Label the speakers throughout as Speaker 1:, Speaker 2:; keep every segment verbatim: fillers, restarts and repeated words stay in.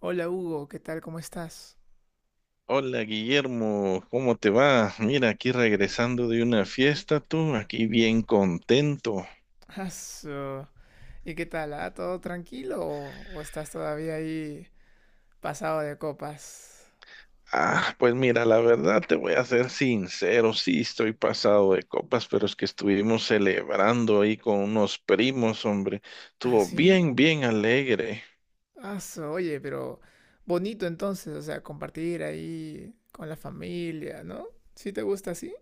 Speaker 1: Hola Hugo, ¿qué tal? ¿Cómo estás?
Speaker 2: Hola Guillermo, ¿cómo te va? Mira, aquí regresando de una fiesta, tú, aquí bien contento.
Speaker 1: Aso, ¿y qué tal? ¿Ah? ¿Todo tranquilo o, o estás todavía ahí pasado de copas?
Speaker 2: Ah, pues mira, la verdad te voy a ser sincero, sí estoy pasado de copas, pero es que estuvimos celebrando ahí con unos primos, hombre.
Speaker 1: ¿Ah,
Speaker 2: Estuvo bien,
Speaker 1: sí?
Speaker 2: bien alegre.
Speaker 1: Aso, oye, pero bonito entonces, o sea, compartir ahí con la familia, ¿no? ¿Sí te gusta así?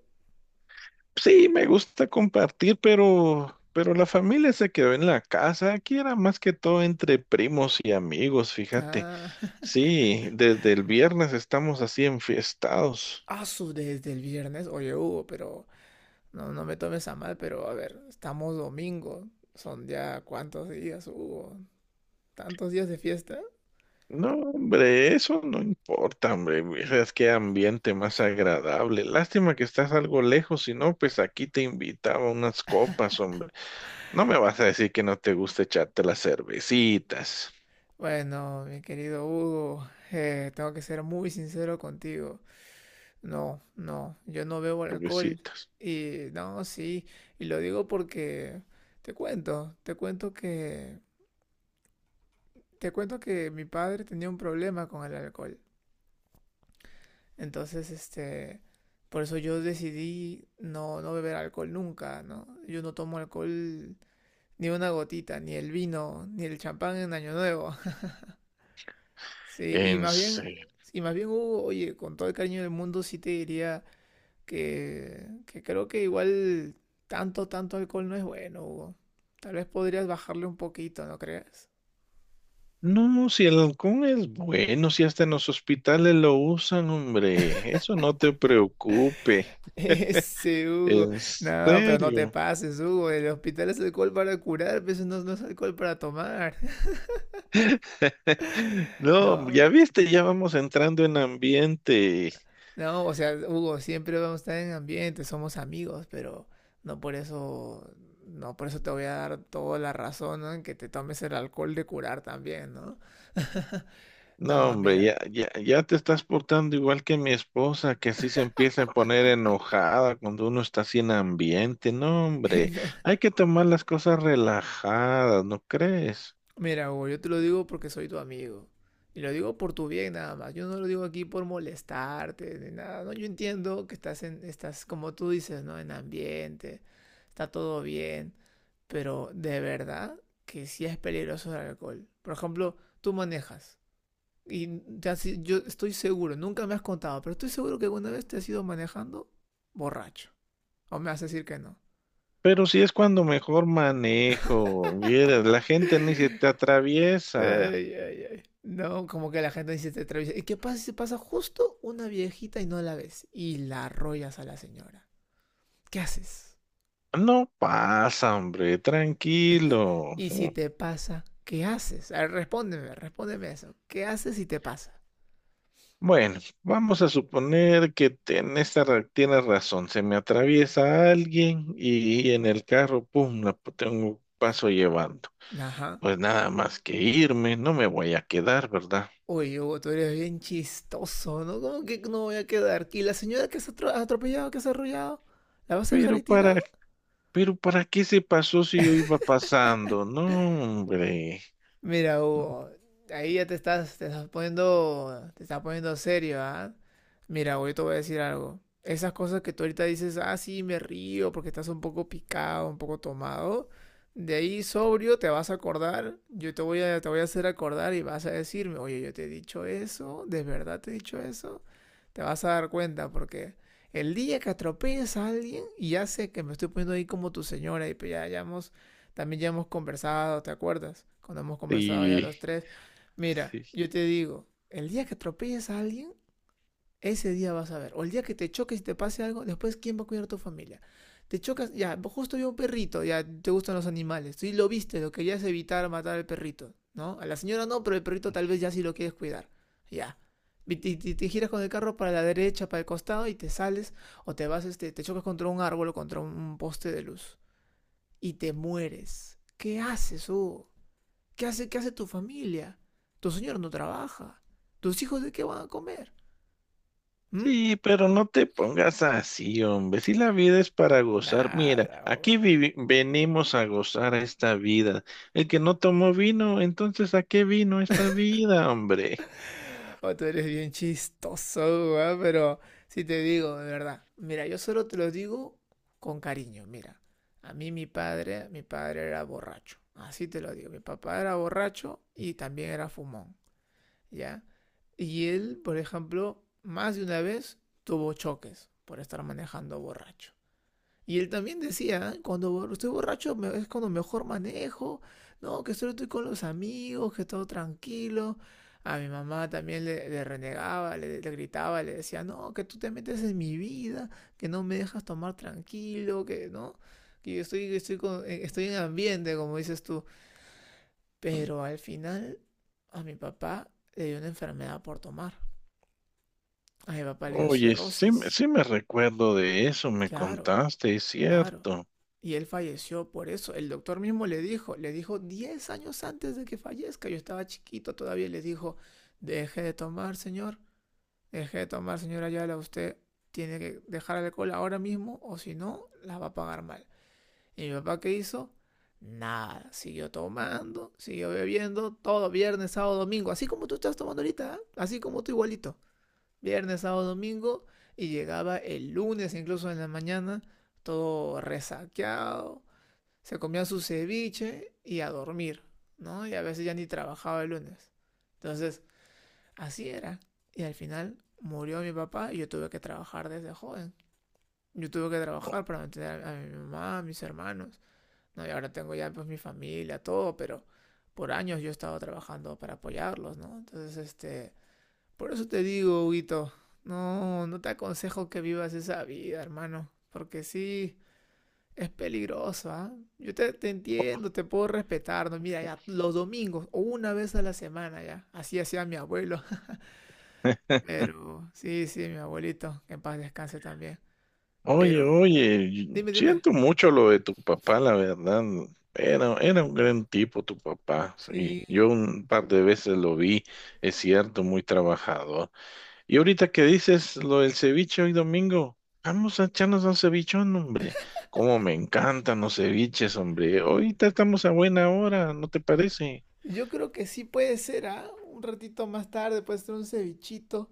Speaker 2: Sí, me gusta compartir, pero, pero la familia se quedó en la casa. Aquí era más que todo entre primos y amigos, fíjate.
Speaker 1: Ah,
Speaker 2: Sí, desde el viernes estamos así enfiestados.
Speaker 1: aso, desde el viernes. Oye, Hugo, pero no, no me tomes a mal, pero a ver, estamos domingo. Son ya cuántos días, Hugo. ¿Tantos días de fiesta?
Speaker 2: No, hombre, eso no importa, hombre. Es que ambiente más agradable. Lástima que estás algo lejos, si no, pues aquí te invitaba unas copas, hombre. No me vas a decir que no te gusta echarte las cervecitas,
Speaker 1: Bueno, mi querido Hugo, eh, tengo que ser muy sincero contigo. No, no, yo no bebo alcohol.
Speaker 2: cervecitas.
Speaker 1: Y no, sí, y lo digo porque te cuento, te cuento que, te cuento que mi padre tenía un problema con el alcohol. Entonces, este, por eso yo decidí no, no beber alcohol nunca, ¿no? Yo no tomo alcohol ni una gotita, ni el vino, ni el champán en Año Nuevo. Sí, y
Speaker 2: En
Speaker 1: más bien,
Speaker 2: serio.
Speaker 1: y más bien, Hugo, oye, con todo el cariño del mundo, sí te diría que, que creo que igual tanto, tanto alcohol no es bueno, Hugo. Tal vez podrías bajarle un poquito, ¿no crees?
Speaker 2: No, no, si el halcón es bueno, si hasta en los hospitales lo usan, hombre. Eso no te preocupe.
Speaker 1: Ese Hugo,
Speaker 2: En
Speaker 1: no, pero no te
Speaker 2: serio.
Speaker 1: pases, Hugo. El hospital es alcohol para curar, pues no, no es alcohol para tomar.
Speaker 2: No, ya
Speaker 1: No.
Speaker 2: viste, ya vamos entrando en ambiente.
Speaker 1: No, o sea, Hugo, siempre vamos a estar en ambiente, somos amigos, pero no por eso, no por eso te voy a dar toda la razón, ¿no? En que te tomes el alcohol de curar también, ¿no?
Speaker 2: No,
Speaker 1: No,
Speaker 2: hombre,
Speaker 1: mira,
Speaker 2: ya, ya, ya te estás portando igual que mi esposa, que así se empieza a poner enojada cuando uno está sin ambiente. No, hombre, hay que tomar las cosas relajadas, ¿no crees?
Speaker 1: mira, Hugo, yo te lo digo porque soy tu amigo. Y lo digo por tu bien nada más. Yo no lo digo aquí por molestarte ni nada. No, yo entiendo que estás en, estás como tú dices, ¿no? En ambiente, está todo bien, pero de verdad que sí es peligroso el alcohol. Por ejemplo, tú manejas. Y te has i- yo estoy seguro, nunca me has contado, pero estoy seguro que alguna vez te has ido manejando borracho. O me vas a decir que no.
Speaker 2: Pero si es cuando mejor manejo, vieras, la gente ni se te atraviesa.
Speaker 1: Ay, ay, ay. No, como que la gente dice te atraviesa. ¿Y qué pasa si pasa justo una viejita y no la ves? Y la arrollas a la señora. ¿Qué haces?
Speaker 2: No pasa, hombre, tranquilo.
Speaker 1: Y si te pasa, ¿qué haces? A ver, respóndeme, respóndeme eso. ¿Qué haces si te pasa?
Speaker 2: Bueno, vamos a suponer que te- en esta ra- tienes razón. Se me atraviesa alguien y, en el carro, pum, la p- tengo paso llevando.
Speaker 1: Ajá.
Speaker 2: Pues nada más que irme, no me voy a quedar, ¿verdad?
Speaker 1: Oye, Hugo, tú eres bien chistoso, ¿no? ¿Cómo que no voy a quedar? ¿Y la señora que has atro- has atropellado, que has arrollado? ¿La vas a dejar
Speaker 2: Pero
Speaker 1: ahí tirada?
Speaker 2: para, pero para qué se pasó si yo iba pasando, no, hombre.
Speaker 1: Mira, Hugo, ahí ya te estás, te estás poniendo, te estás poniendo serio, ¿ah? Mira, Hugo, yo te voy a decir algo. Esas cosas que tú ahorita dices, ah, sí, me río porque estás un poco picado, un poco tomado. De ahí sobrio te vas a acordar, yo te voy a, te voy a hacer acordar y vas a decirme, oye, yo te he dicho eso, ¿de verdad te he dicho eso? Te vas a dar cuenta porque el día que atropelles a alguien, y ya sé que me estoy poniendo ahí como tu señora y pues ya, ya hemos también ya hemos conversado, ¿te acuerdas? Cuando hemos conversado ya
Speaker 2: Y
Speaker 1: los tres. Mira,
Speaker 2: sí.
Speaker 1: yo te digo, el día que atropelles a alguien, ese día vas a ver. O el día que te choques y te pase algo, después ¿quién va a cuidar a tu familia? Te chocas, ya, justo yo un perrito, ya te gustan los animales. Tú lo viste, lo querías evitar matar al perrito, ¿no? A la señora no, pero el perrito tal vez ya sí lo quieres cuidar. Ya. Y te, te- te giras con el carro para la derecha, para el costado y te sales o te vas, este, te chocas contra un árbol o contra un poste de luz y te mueres. ¿Qué haces, Hugo? ¿Qué hace, ¿qué hace tu familia? Tu señor no trabaja. ¿Tus hijos de qué van a comer? ¿Mm?
Speaker 2: Sí, pero no te pongas así, hombre. Si la vida es para gozar, mira,
Speaker 1: Nada,
Speaker 2: aquí
Speaker 1: Hugo.
Speaker 2: vivi- venimos a gozar esta vida. El que no tomó vino, entonces ¿a qué vino esta vida, hombre?
Speaker 1: Oh, tú eres bien chistoso, Hugo, ¿eh? Pero si te digo, de verdad. Mira, yo solo te lo digo con cariño, mira. A mí mi padre, mi padre era borracho. Así te lo digo. Mi papá era borracho y también era fumón, ¿ya? Y él, por ejemplo, más de una vez tuvo choques por estar manejando borracho. Y él también decía, cuando estoy borracho me- es cuando mejor manejo, no, que solo estoy con los amigos, que todo tranquilo. A mi mamá también le, le renegaba, le, le gritaba, le decía, no, que tú te metes en mi vida, que no me dejas tomar tranquilo, que no, que yo estoy, estoy, con- eh, estoy en ambiente, como dices tú. Pero al final a mi papá le dio una enfermedad por tomar. A mi papá le dio
Speaker 2: Oye, sí,
Speaker 1: cirrosis.
Speaker 2: me- sí me recuerdo de eso, me
Speaker 1: Claro.
Speaker 2: contaste, es
Speaker 1: Claro.
Speaker 2: cierto.
Speaker 1: Y él falleció por eso. El doctor mismo le dijo, le dijo diez años antes de que fallezca, yo estaba chiquito todavía, le dijo, deje de tomar, señor, deje de tomar, señora Ayala, usted tiene que dejar el alcohol ahora mismo o si no, la va a pagar mal. ¿Y mi papá qué hizo? Nada, siguió tomando, siguió bebiendo, todo viernes, sábado, domingo, así como tú estás tomando ahorita, ¿ah? Así como tú igualito, viernes, sábado, domingo, y llegaba el lunes incluso en la mañana, todo resaqueado, se comía su ceviche y a dormir, ¿no? Y a veces ya ni trabajaba el lunes. Entonces, así era. Y al final murió mi papá y yo tuve que trabajar desde joven. Yo tuve que trabajar para mantener a mi mamá, a mis hermanos. ¿No? Y ahora tengo ya pues mi familia, todo, pero por años yo he estado trabajando para apoyarlos, ¿no? Entonces, este, por eso te digo, Huguito, no, no te aconsejo que vivas esa vida, hermano, porque sí, es peligroso, ¿ah? Yo te, te entiendo, te puedo respetar, ¿no? Mira, ya los domingos o una vez a la semana, ya, así hacía mi abuelo, pero sí, sí, mi abuelito, que en paz descanse también,
Speaker 2: Oye,
Speaker 1: pero
Speaker 2: oye, y-
Speaker 1: dime, dime,
Speaker 2: siento mucho lo de tu papá, la verdad. Era, era un gran tipo tu papá, sí.
Speaker 1: sí,
Speaker 2: Yo un par de veces lo vi, es cierto, muy trabajador. Y ahorita que dices lo del ceviche hoy domingo, vamos a echarnos un cevichón, hombre. Cómo me encantan los ceviches, hombre. Ahorita estamos a buena hora, ¿no te parece?
Speaker 1: yo creo que sí puede ser, ¿ah? Un ratito más tarde puede ser un cevichito,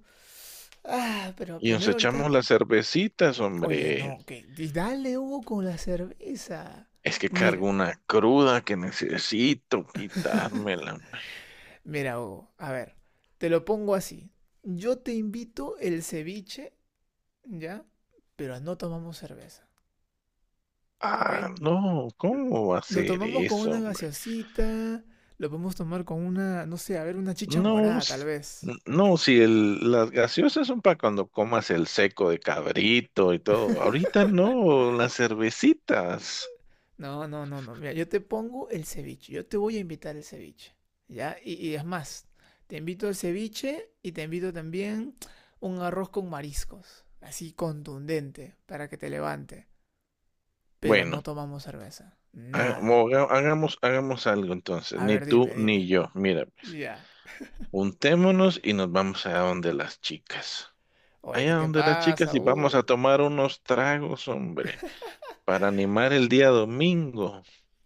Speaker 1: ah, pero
Speaker 2: Y nos
Speaker 1: primero ahorita.
Speaker 2: echamos las cervecitas,
Speaker 1: Oye,
Speaker 2: hombre.
Speaker 1: no, que y dale, Hugo, con la cerveza.
Speaker 2: Es que
Speaker 1: Mira,
Speaker 2: cargo una cruda que necesito quitármela. Hombre.
Speaker 1: mira, Hugo, a ver, te lo pongo así. Yo te invito el ceviche, ¿ya? Pero no tomamos cerveza, ¿ok?
Speaker 2: Ah, no, ¿cómo va a
Speaker 1: Lo
Speaker 2: ser
Speaker 1: tomamos con
Speaker 2: eso,
Speaker 1: una
Speaker 2: hombre?
Speaker 1: gaseosita, lo podemos tomar con una, no sé, a ver, una chicha
Speaker 2: No,
Speaker 1: morada, tal
Speaker 2: s-
Speaker 1: vez.
Speaker 2: n- no, si el, las gaseosas son para cuando comas el seco de cabrito y todo. Ahorita no, las cervecitas.
Speaker 1: No, no, no, no. Mira, yo te pongo el ceviche. Yo te voy a invitar el ceviche. ¿Ya? Y, y es más, te invito al ceviche y te invito también un arroz con mariscos. Así contundente, para que te levante. Pero
Speaker 2: Bueno,
Speaker 1: no tomamos cerveza.
Speaker 2: ha-
Speaker 1: Nada.
Speaker 2: mo- haga- hagamos hagamos algo entonces,
Speaker 1: A
Speaker 2: ni
Speaker 1: ver,
Speaker 2: tú
Speaker 1: dime, dime.
Speaker 2: ni yo. Mira, pues,
Speaker 1: Ya.
Speaker 2: juntémonos y nos vamos allá donde las chicas.
Speaker 1: Oye, ¿qué
Speaker 2: Allá
Speaker 1: te
Speaker 2: donde las chicas
Speaker 1: pasa?
Speaker 2: y vamos a
Speaker 1: Uh.
Speaker 2: tomar unos tragos, hombre, para animar el día domingo.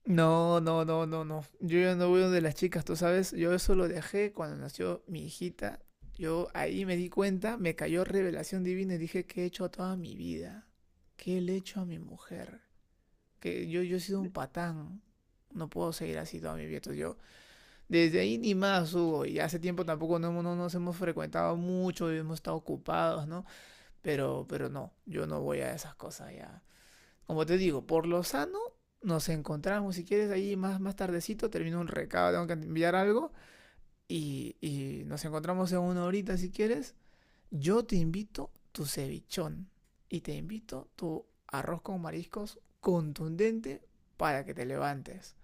Speaker 1: No, no, no, no, no. Yo ya no voy donde las chicas, tú sabes. Yo eso lo dejé cuando nació mi hijita. Yo ahí me di cuenta, me cayó revelación divina y dije, ¿qué he hecho a toda mi vida? ¿Qué le he hecho a mi mujer? Que yo, yo he sido un patán. No puedo seguir así toda mi vida. Entonces yo, desde ahí ni más, Hugo. Y hace tiempo tampoco no, hemos- no nos hemos frecuentado mucho y hemos estado ocupados, ¿no? Pero, pero no, yo no voy a esas cosas ya. Como te digo, por lo sano, nos encontramos, si quieres, ahí más, más tardecito, termino un recado, tengo que enviar algo, y, y nos encontramos en una horita, si quieres. Yo te invito tu cevichón y te invito tu arroz con mariscos contundente para que te levantes.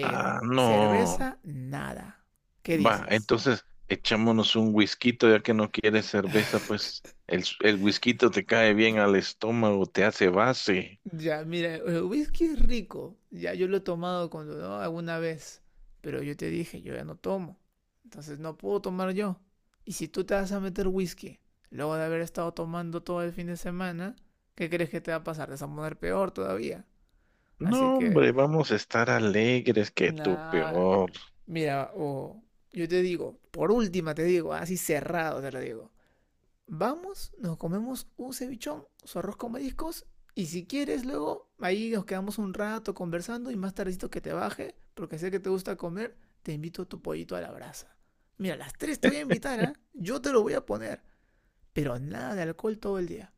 Speaker 2: Ah, no.
Speaker 1: cerveza, nada. ¿Qué
Speaker 2: Va,
Speaker 1: dices?
Speaker 2: entonces echámonos un whisky, ya que no quieres cerveza, pues el, el whisky te cae bien al estómago, te hace base.
Speaker 1: Ya, mira, el whisky es rico. Ya yo lo he tomado cuando, ¿no? Alguna vez. Pero yo te dije, yo ya no tomo. Entonces no puedo tomar yo. Y si tú te vas a meter whisky, luego de haber estado tomando todo el fin de semana, ¿qué crees que te va a pasar? Te vas a poner peor todavía.
Speaker 2: No,
Speaker 1: Así que,
Speaker 2: hombre, vamos a estar alegres que tú
Speaker 1: nada.
Speaker 2: peor.
Speaker 1: Mira, o yo te digo, por última te digo, así cerrado te lo digo. Vamos, nos comemos un cevichón, su arroz con mariscos, y si quieres luego ahí nos quedamos un rato conversando y más tardecito que te baje, porque sé que te gusta comer, te invito a tu pollito a la brasa. Mira, a las tres te voy a invitar, ¿ah? Yo te lo voy a poner, pero nada de alcohol todo el día.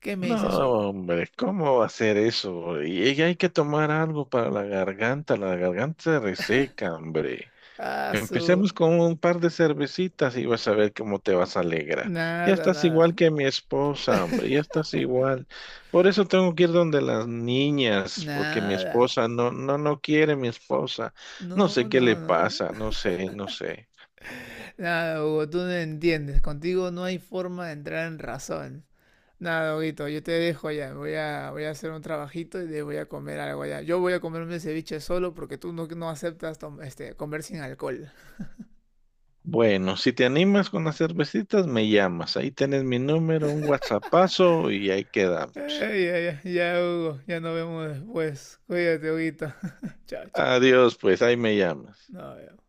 Speaker 1: ¿Qué me
Speaker 2: No,
Speaker 1: dices, Hugo?
Speaker 2: hombre, ¿cómo va a ser eso? Y, y hay que tomar algo para la garganta, la garganta se reseca, hombre.
Speaker 1: Ah, su...
Speaker 2: Empecemos con un par de cervecitas y vas a ver cómo te vas a alegrar. Ya
Speaker 1: Nada,
Speaker 2: estás igual
Speaker 1: nada.
Speaker 2: que mi esposa, hombre, ya estás igual. Por eso tengo que ir donde las niñas, porque mi
Speaker 1: Nada.
Speaker 2: esposa no, no, no quiere mi esposa. No sé
Speaker 1: No,
Speaker 2: qué le
Speaker 1: no, no.
Speaker 2: pasa, no sé, no sé.
Speaker 1: Nada, Hugo, tú no entiendes. Contigo no hay forma de entrar en razón. Nada, Doguito, yo te dejo ya. Voy a, voy a hacer un trabajito y de- voy a comer algo allá. Yo voy a comerme ceviche solo porque tú no, no aceptas tom- este, comer sin alcohol.
Speaker 2: Bueno, si te animas con las cervecitas, me llamas. Ahí tienes mi número, un WhatsAppazo y ahí quedamos.
Speaker 1: Ay, ya, ya, ya, Hugo. Ya nos vemos después. Cuídate, Huguito. Chao, chao.
Speaker 2: Adiós, pues, ahí me llamas.
Speaker 1: Nos vemos.